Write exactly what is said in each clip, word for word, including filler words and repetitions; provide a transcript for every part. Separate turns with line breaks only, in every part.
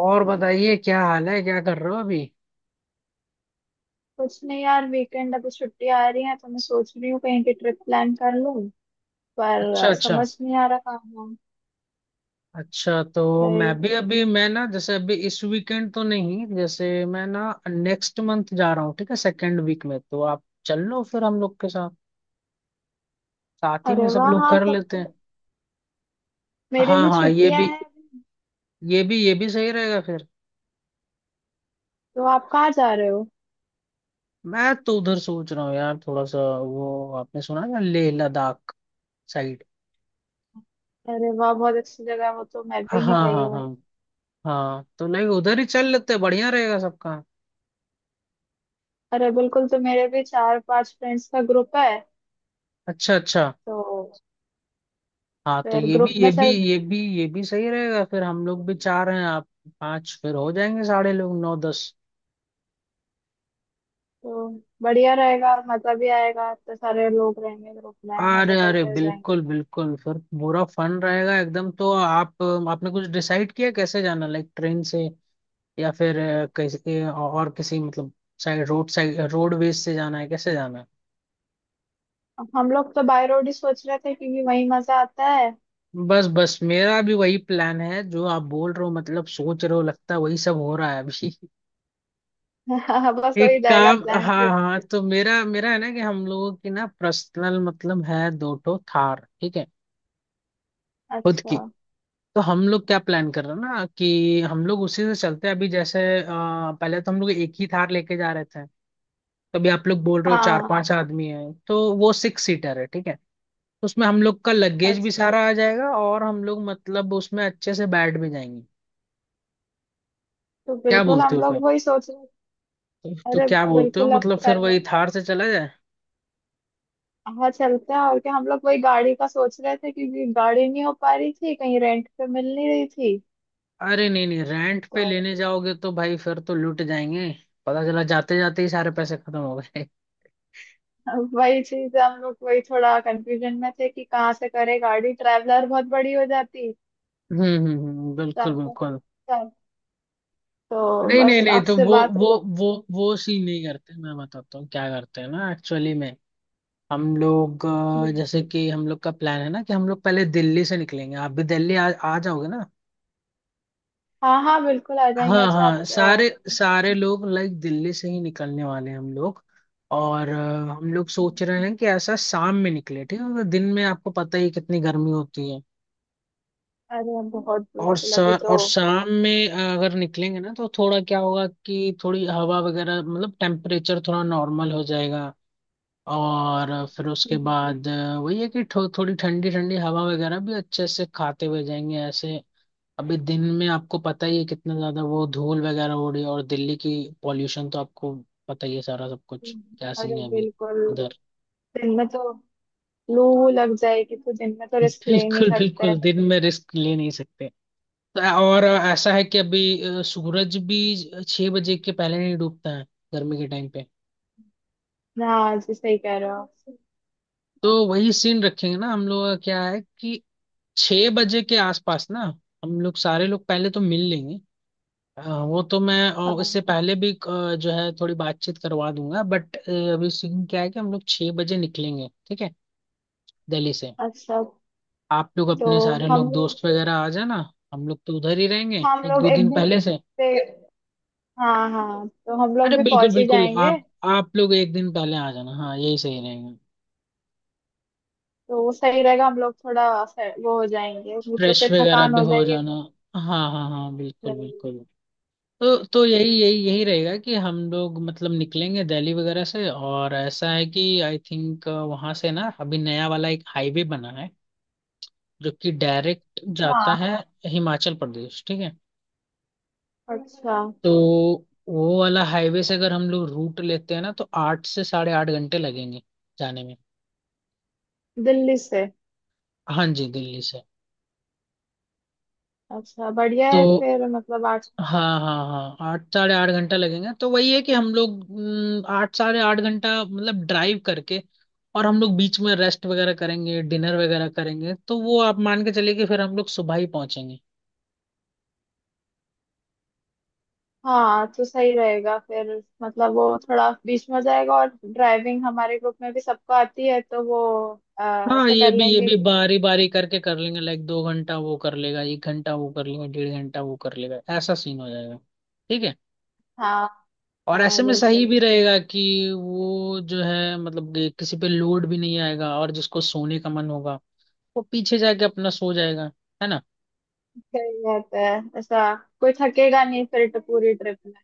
और बताइए क्या हाल है? क्या कर रहे हो अभी?
कुछ नहीं यार, वीकेंड अभी छुट्टी आ रही है तो मैं सोच रही हूँ कहीं की ट्रिप प्लान कर लूँ। पर
अच्छा,
अ,
अच्छा।
समझ नहीं आ रहा कहाँ।
अच्छा, तो
है
मैं
अरे।
भी अभी मैं ना, जैसे अभी इस वीकेंड तो नहीं, जैसे मैं ना नेक्स्ट मंथ जा रहा हूँ, ठीक है, सेकेंड वीक में तो आप चल लो फिर हम लोग के साथ। साथ ही में
अरे
सब
वाह,
लोग
हाँ
कर
तब
लेते
तो
हैं।
मेरे
हाँ
भी
हाँ, ये
छुट्टियां
भी
हैं अभी।
ये भी ये भी सही रहेगा फिर।
तो आप कहाँ जा रहे हो?
मैं तो उधर सोच रहा हूँ यार, थोड़ा सा वो, आपने सुना है ना, लेह लद्दाख साइड।
अरे वाह, बहुत अच्छी जगह है, वो तो मैं
हाँ,
भी नहीं
हाँ
गई हूँ।
हाँ हाँ, तो लाइक उधर ही चल लेते हैं, बढ़िया रहेगा सबका।
अरे बिल्कुल, तो मेरे भी चार पांच फ्रेंड्स का ग्रुप है।
अच्छा अच्छा।
तो
हाँ तो
फिर
ये भी
ग्रुप
ये
में
भी
चल।
ये भी ये भी सही रहेगा फिर, हम लोग भी चार हैं, आप पांच, फिर हो जाएंगे साढ़े लोग नौ दस।
तो बढ़िया रहेगा, मजा भी आएगा, इतने सारे लोग रहेंगे ग्रुप में, मजे
अरे अरे
करते हुए जाएंगे।
बिल्कुल बिल्कुल, फिर पूरा फन रहेगा एकदम। तो आप, आपने कुछ डिसाइड किया कैसे जाना? लाइक ट्रेन से या फिर अ, कैसे और किसी, मतलब साइड रोड, साइड रोडवेज से जाना है, कैसे जाना है?
हम लोग तो बाय रोड ही सोच रहे थे क्योंकि वही मजा आता है।
बस बस, मेरा भी वही प्लान है जो आप बोल रहे हो, मतलब सोच रहे हो, लगता है वही सब हो रहा है अभी।
हाँ बस
एक
वही रहेगा
काम,
प्लान
हाँ
ट्रिप।
हाँ, तो मेरा मेरा है ना कि हम लोगों की ना पर्सनल मतलब है, दो ठो थार, ठीक है, खुद
अच्छा।
की। तो हम लोग क्या प्लान कर रहे हैं ना, कि हम लोग उसी से चलते हैं अभी, जैसे अ, पहले तो हम लोग एक ही थार लेके जा रहे थे, तो अभी आप लोग बोल रहे हो चार
हाँ।
पांच आदमी हैं, तो वो सिक्स सीटर है, ठीक है। तो उसमें हम लोग का लगेज भी
अच्छा।
सारा आ जाएगा, और हम लोग मतलब उसमें अच्छे से बैठ भी जाएंगे।
तो
क्या
बिल्कुल
बोलते
हम
हो फिर?
लोग वही सोच रहे।
तो, तो
अरे
क्या बोलते हो,
बिल्कुल, अब
मतलब फिर
कर
वही
लो।
थार से चला जाए?
हाँ चलते हैं, और क्या। हम लोग वही गाड़ी का सोच रहे थे क्योंकि गाड़ी नहीं हो पा रही थी, कहीं रेंट पे मिल नहीं रही थी।
अरे नहीं नहीं, रेंट
तो
पे लेने जाओगे तो भाई फिर तो लूट जाएंगे, पता चला जाते जाते ही सारे पैसे खत्म हो गए
वही चीज है, हम लोग वही थोड़ा कंफ्यूजन में थे कि कहाँ से करें, गाड़ी ट्रैवलर बहुत बड़ी हो जाती।
हम्म हम्म हम्म,
तो
बिल्कुल
हम लोग-
बिल्कुल।
चल। तो
नहीं नहीं
बस
नहीं, तो
आपसे
वो
बात
वो
हो।
वो वो सीन नहीं करते, मैं बताता हूँ क्या करते हैं ना एक्चुअली में। हम लोग अ, जैसे कि हम लोग का प्लान है ना, कि हम लोग पहले दिल्ली से निकलेंगे, आप भी दिल्ली आ, आ जाओगे ना।
हाँ हाँ बिल्कुल आ
हाँ
जाएंगे। अच्छा, आप
हाँ,
अ,
सारे सारे लोग लाइक दिल्ली से ही निकलने वाले हैं हम लोग। और अ, हम लोग सोच रहे हैं कि ऐसा शाम में निकले, ठीक है, क्योंकि दिन में आपको पता ही है कितनी गर्मी होती है।
अरे बहुत,
और
बिल्कुल।
सा,
अभी तो
और शाम में अ, अगर निकलेंगे ना तो थोड़ा क्या होगा कि थोड़ी हवा वगैरह, मतलब टेम्परेचर थोड़ा नॉर्मल हो जाएगा। और फिर उसके बाद अ, वही है कि थो, थोड़ी ठंडी ठंडी हवा वगैरह भी अच्छे से खाते हुए जाएंगे ऐसे। अभी दिन में आपको पता ही है कितना ज्यादा वो धूल वगैरह हो रही है, और दिल्ली की पॉल्यूशन तो आपको पता ही है, सारा सब कुछ क्या सीन
अरे
है अभी
बिल्कुल
उधर।
दिन में तो लू वू लग जाएगी, तो दिन में तो रिस्क ले ही नहीं
बिल्कुल
सकते हैं।
बिल्कुल, दिन में रिस्क ले नहीं सकते। और ऐसा है कि अभी अ, सूरज भी छह बजे के पहले नहीं डूबता है, गर्मी के टाइम पे।
हाँ जी, सही कह रहे हो।
तो वही सीन रखेंगे ना, हम लोग का क्या है कि छह बजे के आसपास ना हम लोग सारे लोग पहले तो मिल लेंगे। हाँ, वो तो मैं अ,
हाँ।
इससे पहले भी अ, जो है थोड़ी बातचीत करवा दूंगा, बट अभी सीन क्या है कि हम लोग छह बजे निकलेंगे, ठीक है, दिल्ली से।
अच्छा।
आप लोग
तो
अपने सारे
हम
लोग
लोग,
दोस्त वगैरह आ जाना, हम लोग तो उधर ही रहेंगे
हम
एक
लोग
दो
एक
दिन
दिन
पहले से।
से। हाँ हाँ, तो हम लोग
अरे
भी
बिल्कुल
पहुंच ही
बिल्कुल,
जाएंगे।
आप आप लोग एक दिन पहले आ जाना, हाँ यही सही रहेगा,
तो वो सही रहेगा, हम लोग थोड़ा से- वो हो जाएंगे, नहीं तो
फ्रेश
फिर
वगैरह
थकान
भी
हो
हो
जाएगी।
जाना, हाँ हाँ हाँ बिल्कुल बिल्कुल। तो तो यही यही यही रहेगा कि हम लोग मतलब निकलेंगे दिल्ली वगैरह से, और ऐसा है कि आई थिंक वहां से ना अभी नया वाला एक हाईवे बना है, जो कि डायरेक्ट जाता है
हाँ।
हिमाचल प्रदेश, ठीक है।
अच्छा।
तो वो वाला हाईवे से अगर हम लोग रूट लेते हैं ना तो आठ से साढ़े आठ घंटे लगेंगे जाने में।
दिल्ली से?
हाँ जी, दिल्ली से।
अच्छा, बढ़िया है
तो,
फिर, मतलब आठ।
हाँ हाँ हाँ, आठ साढ़े आठ घंटा लगेगा, तो वही है कि हम लोग, हम्म, आठ साढ़े आठ घंटा मतलब ड्राइव करके, और हम लोग बीच में रेस्ट वगैरह करेंगे, डिनर वगैरह करेंगे, तो वो आप मान के चलिए कि फिर हम लोग सुबह ही पहुंचेंगे।
हाँ तो सही रहेगा फिर, मतलब वो थोड़ा बीच में हो जाएगा, और ड्राइविंग हमारे ग्रुप में भी सबको आती है, तो वो अ,
हाँ
ऐसे
ये
कर
भी ये
लेंगे
भी
कि
बारी बारी करके कर लेंगे, लाइक दो घंटा वो कर लेगा, एक घंटा वो कर लेगा, डेढ़ घंटा वो कर लेगा, ऐसा सीन हो जाएगा, ठीक है।
हाँ
और
हाँ
ऐसे में सही
बिल्कुल।
भी रहेगा कि वो जो है मतलब कि किसी पे लोड भी नहीं आएगा, और जिसको सोने का मन होगा वो पीछे जाके अपना सो जाएगा, है ना।
सही बात है। ऐसा कोई थकेगा नहीं फिर तो, पूरी ट्रिप में।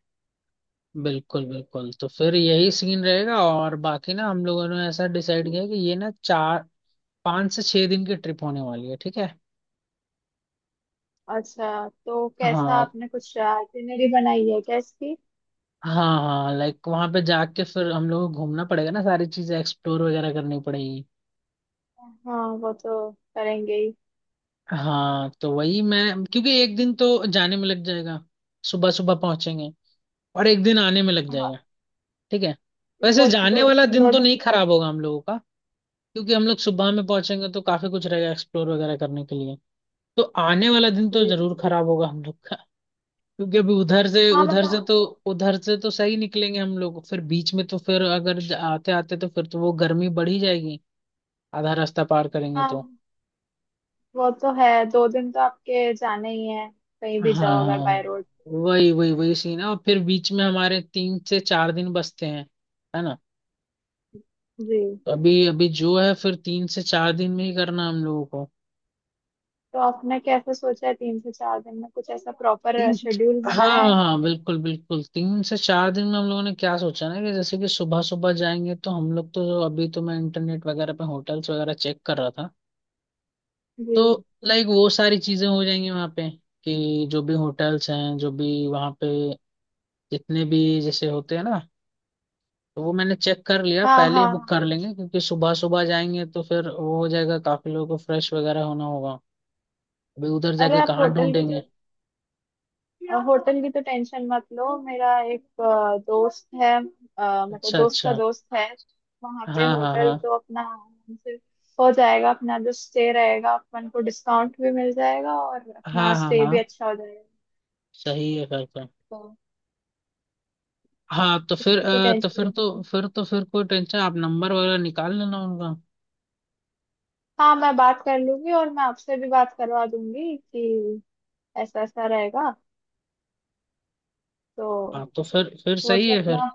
बिल्कुल बिल्कुल, तो फिर यही सीन रहेगा, और बाकी ना हम लोगों ने ऐसा डिसाइड किया कि ये ना चार पाँच से छह दिन की ट्रिप होने वाली है, ठीक है।
अच्छा, तो कैसा,
हाँ
आपने कुछ आइटिनरी बनाई है क्या इसकी?
हाँ हाँ, लाइक वहां पे जाके फिर हम लोगों को घूमना पड़ेगा ना, सारी चीजें एक्सप्लोर वगैरह करनी पड़ेगी।
हाँ, वो तो करेंगे ही।
हाँ, तो वही, मैं, क्योंकि एक दिन तो जाने में लग जाएगा, सुबह सुबह पहुंचेंगे, और एक दिन आने में लग जाएगा,
हाँ,
ठीक है। वैसे
वो
जाने
दो,
वाला दिन
दो
तो
दिन।
नहीं खराब होगा हम लोगों का, क्योंकि हम लोग सुबह में पहुंचेंगे तो काफी कुछ रहेगा एक्सप्लोर वगैरह करने के लिए। तो आने वाला दिन तो
जी।
जरूर खराब होगा हम लोग का, क्योंकि अभी उधर से,
हाँ
उधर से
बताओ।
तो, उधर से तो सही निकलेंगे हम लोग, फिर बीच में तो फिर अगर आते आते तो फिर तो वो गर्मी बढ़ ही जाएगी, आधा रास्ता पार करेंगे
हाँ,
तो।
वो तो है, दो दिन तो आपके जाने ही है, कहीं भी जाओ अगर
हाँ
बाय रोड।
वही वही वही सीन है, और फिर बीच में हमारे तीन से चार दिन बचते हैं, है ना।
जी।
तो अभी अभी जो है फिर तीन से चार दिन में ही करना है हम लोगों को।
तो आपने कैसे सोचा है, तीन से चार दिन में कुछ ऐसा प्रॉपर
तीन,
शेड्यूल
हाँ
बनाया
हाँ
है?
हाँ, बिल्कुल बिल्कुल तीन से चार दिन में हम लोगों ने क्या सोचा ना कि जैसे कि सुबह सुबह जाएंगे, तो हम लोग तो अभी तो मैं इंटरनेट वगैरह पे होटल्स वगैरह चेक कर रहा था।
जी।
तो लाइक वो सारी चीजें हो जाएंगी वहाँ पे, कि जो भी होटल्स हैं जो भी वहाँ पे, जितने भी जैसे होते हैं ना, तो वो मैंने चेक कर लिया,
हाँ
पहले ही
हाँ
बुक
हाँ।
कर लेंगे क्योंकि सुबह सुबह जाएंगे तो फिर वो हो जाएगा, काफी लोगों को फ्रेश वगैरह होना होगा। अभी उधर
अरे,
जाके
आप
कहाँ
होटल की,
ढूंढेंगे।
तो होटल की तो टेंशन मत लो। मेरा एक अ, दोस्त है, अ, मतलब
अच्छा
दोस्त का
अच्छा,
दोस्त है। वहाँ पे
हाँ हाँ
होटल
हाँ
तो अपना आराम से हो जाएगा, अपना जो स्टे रहेगा, अपन को डिस्काउंट भी मिल जाएगा और अपना
हाँ हाँ
स्टे
हाँ,
भी अच्छा हो जाएगा।
सही है फिर तो।
तो
हाँ तो फिर
उसकी तो
अ, तो
टेंशन
फिर
नहीं।
तो फिर तो फिर कोई टेंशन, आप नंबर वगैरह निकाल लेना उनका।
हाँ मैं बात कर लूंगी, और मैं आपसे भी बात करवा दूंगी कि ऐसा ऐसा रहेगा। तो
हाँ तो फिर फिर
वो
सही
तो
है
अपना,
फिर।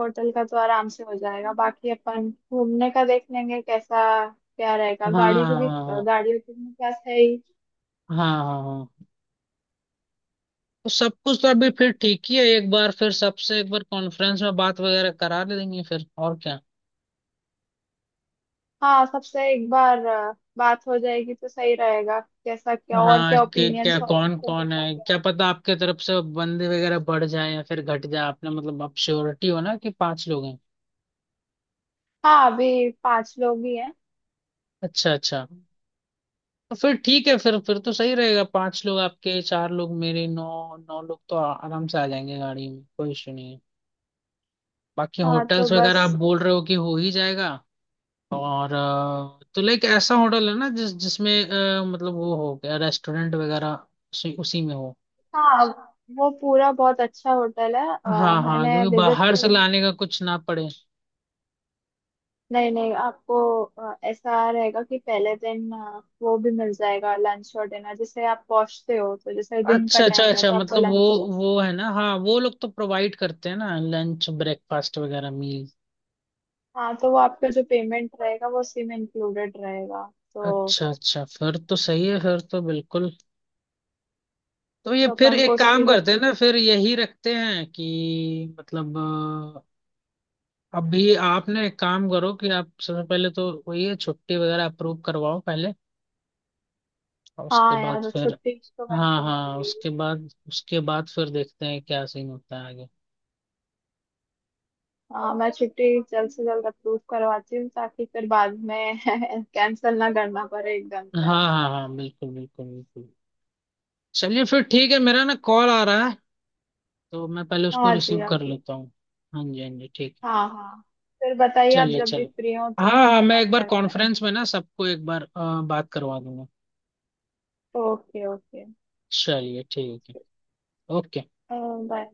होटल का तो आराम से हो जाएगा, बाकी अपन घूमने का देख लेंगे कैसा क्या रहेगा।
हाँ
गाड़ी को भी,
हाँ
गाड़ियों की अपने पास है ही।
हाँ हाँ हाँ हाँ। तो सब कुछ तो अभी फिर ठीक ही है, एक बार फिर सबसे एक बार कॉन्फ्रेंस में बात वगैरह करा ले देंगे फिर, और क्या।
हाँ, सबसे एक बार अ, बात हो जाएगी तो सही रहेगा, कैसा क्या और
हाँ,
क्या
कि क्या
ओपिनियंस और
कौन
किसको
कौन
कैसा
है
क्या।
क्या पता, आपके तरफ से बंदे वगैरह बढ़ जाए या फिर घट जाए, आपने मतलब आप श्योरिटी हो ना कि पांच लोग हैं।
हाँ, अभी पांच लोग ही हैं।
अच्छा अच्छा, तो फिर ठीक है फिर, फिर तो सही रहेगा, पांच लोग आपके, चार लोग मेरे, नौ नौ लोग तो आ- आराम से आ जाएंगे गाड़ी में, कोई इशू नहीं है। बाकी
हाँ तो
होटल्स वगैरह
बस।
आप बोल रहे हो कि हो ही जाएगा। और अ, तो लाइक ऐसा होटल है ना जिस जिसमें अ, मतलब वो हो गया रेस्टोरेंट वगैरह उसी, उसी में हो।
हाँ, वो पूरा बहुत अच्छा होटल है। अ,
हाँ हाँ,
मैंने
क्योंकि
विजिट,
बाहर से लाने का कुछ ना पड़े।
नहीं नहीं, आपको अ, ऐसा रहेगा कि पहले दिन अ, वो भी मिल जाएगा लंच और डिनर, जैसे आप पहुंचते हो तो जैसे दिन का
अच्छा अच्छा
टाइम है
अच्छा,
तो आपको
मतलब वो
लंच।
वो है ना, हाँ वो लोग तो प्रोवाइड करते हैं ना लंच, ब्रेकफास्ट वगैरह मील।
हाँ, तो वो आपका जो पेमेंट रहेगा वो उसी में इंक्लूडेड रहेगा। तो
अच्छा अच्छा, फिर तो सही है फिर, तो बिल्कुल। तो ये
तो
फिर
अपन को
एक
उसकी
काम
भी।
करते हैं ना, फिर यही रखते हैं कि मतलब अ, अभी आपने एक काम करो कि आप सबसे पहले तो वही है छुट्टी वगैरह अप्रूव करवाओ पहले, और उसके
हाँ
बाद
यार,
फिर।
छुट्टी तो
हाँ
करवानी
हाँ,
पड़ेगी।
उसके बाद उसके बाद फिर देखते हैं क्या सीन होता है आगे।
हाँ, मैं छुट्टी जल्द से जल्द अप्रूव करवाती हूँ ताकि फिर बाद में कैंसिल ना करना पड़े एकदम से।
हाँ हाँ हाँ बिल्कुल बिल्कुल बिल्कुल। चलिए फिर ठीक है, मेरा ना कॉल आ रहा है, तो मैं पहले उसको
हाँ जी
रिसीव
यार।
कर लेता हूँ। हाँ जी हाँ जी ठीक है।
हाँ हाँ, फिर बताइए, आप
चलिए
जब भी
चलिए,
फ्री हो तो
हाँ हाँ, मैं
बात
एक बार
करते हैं।
कॉन्फ्रेंस में ना सबको एक बार अ, बात करवा दूंगा।
Okay okay.
चलिए ठीक है। ओके।
अ, बाय।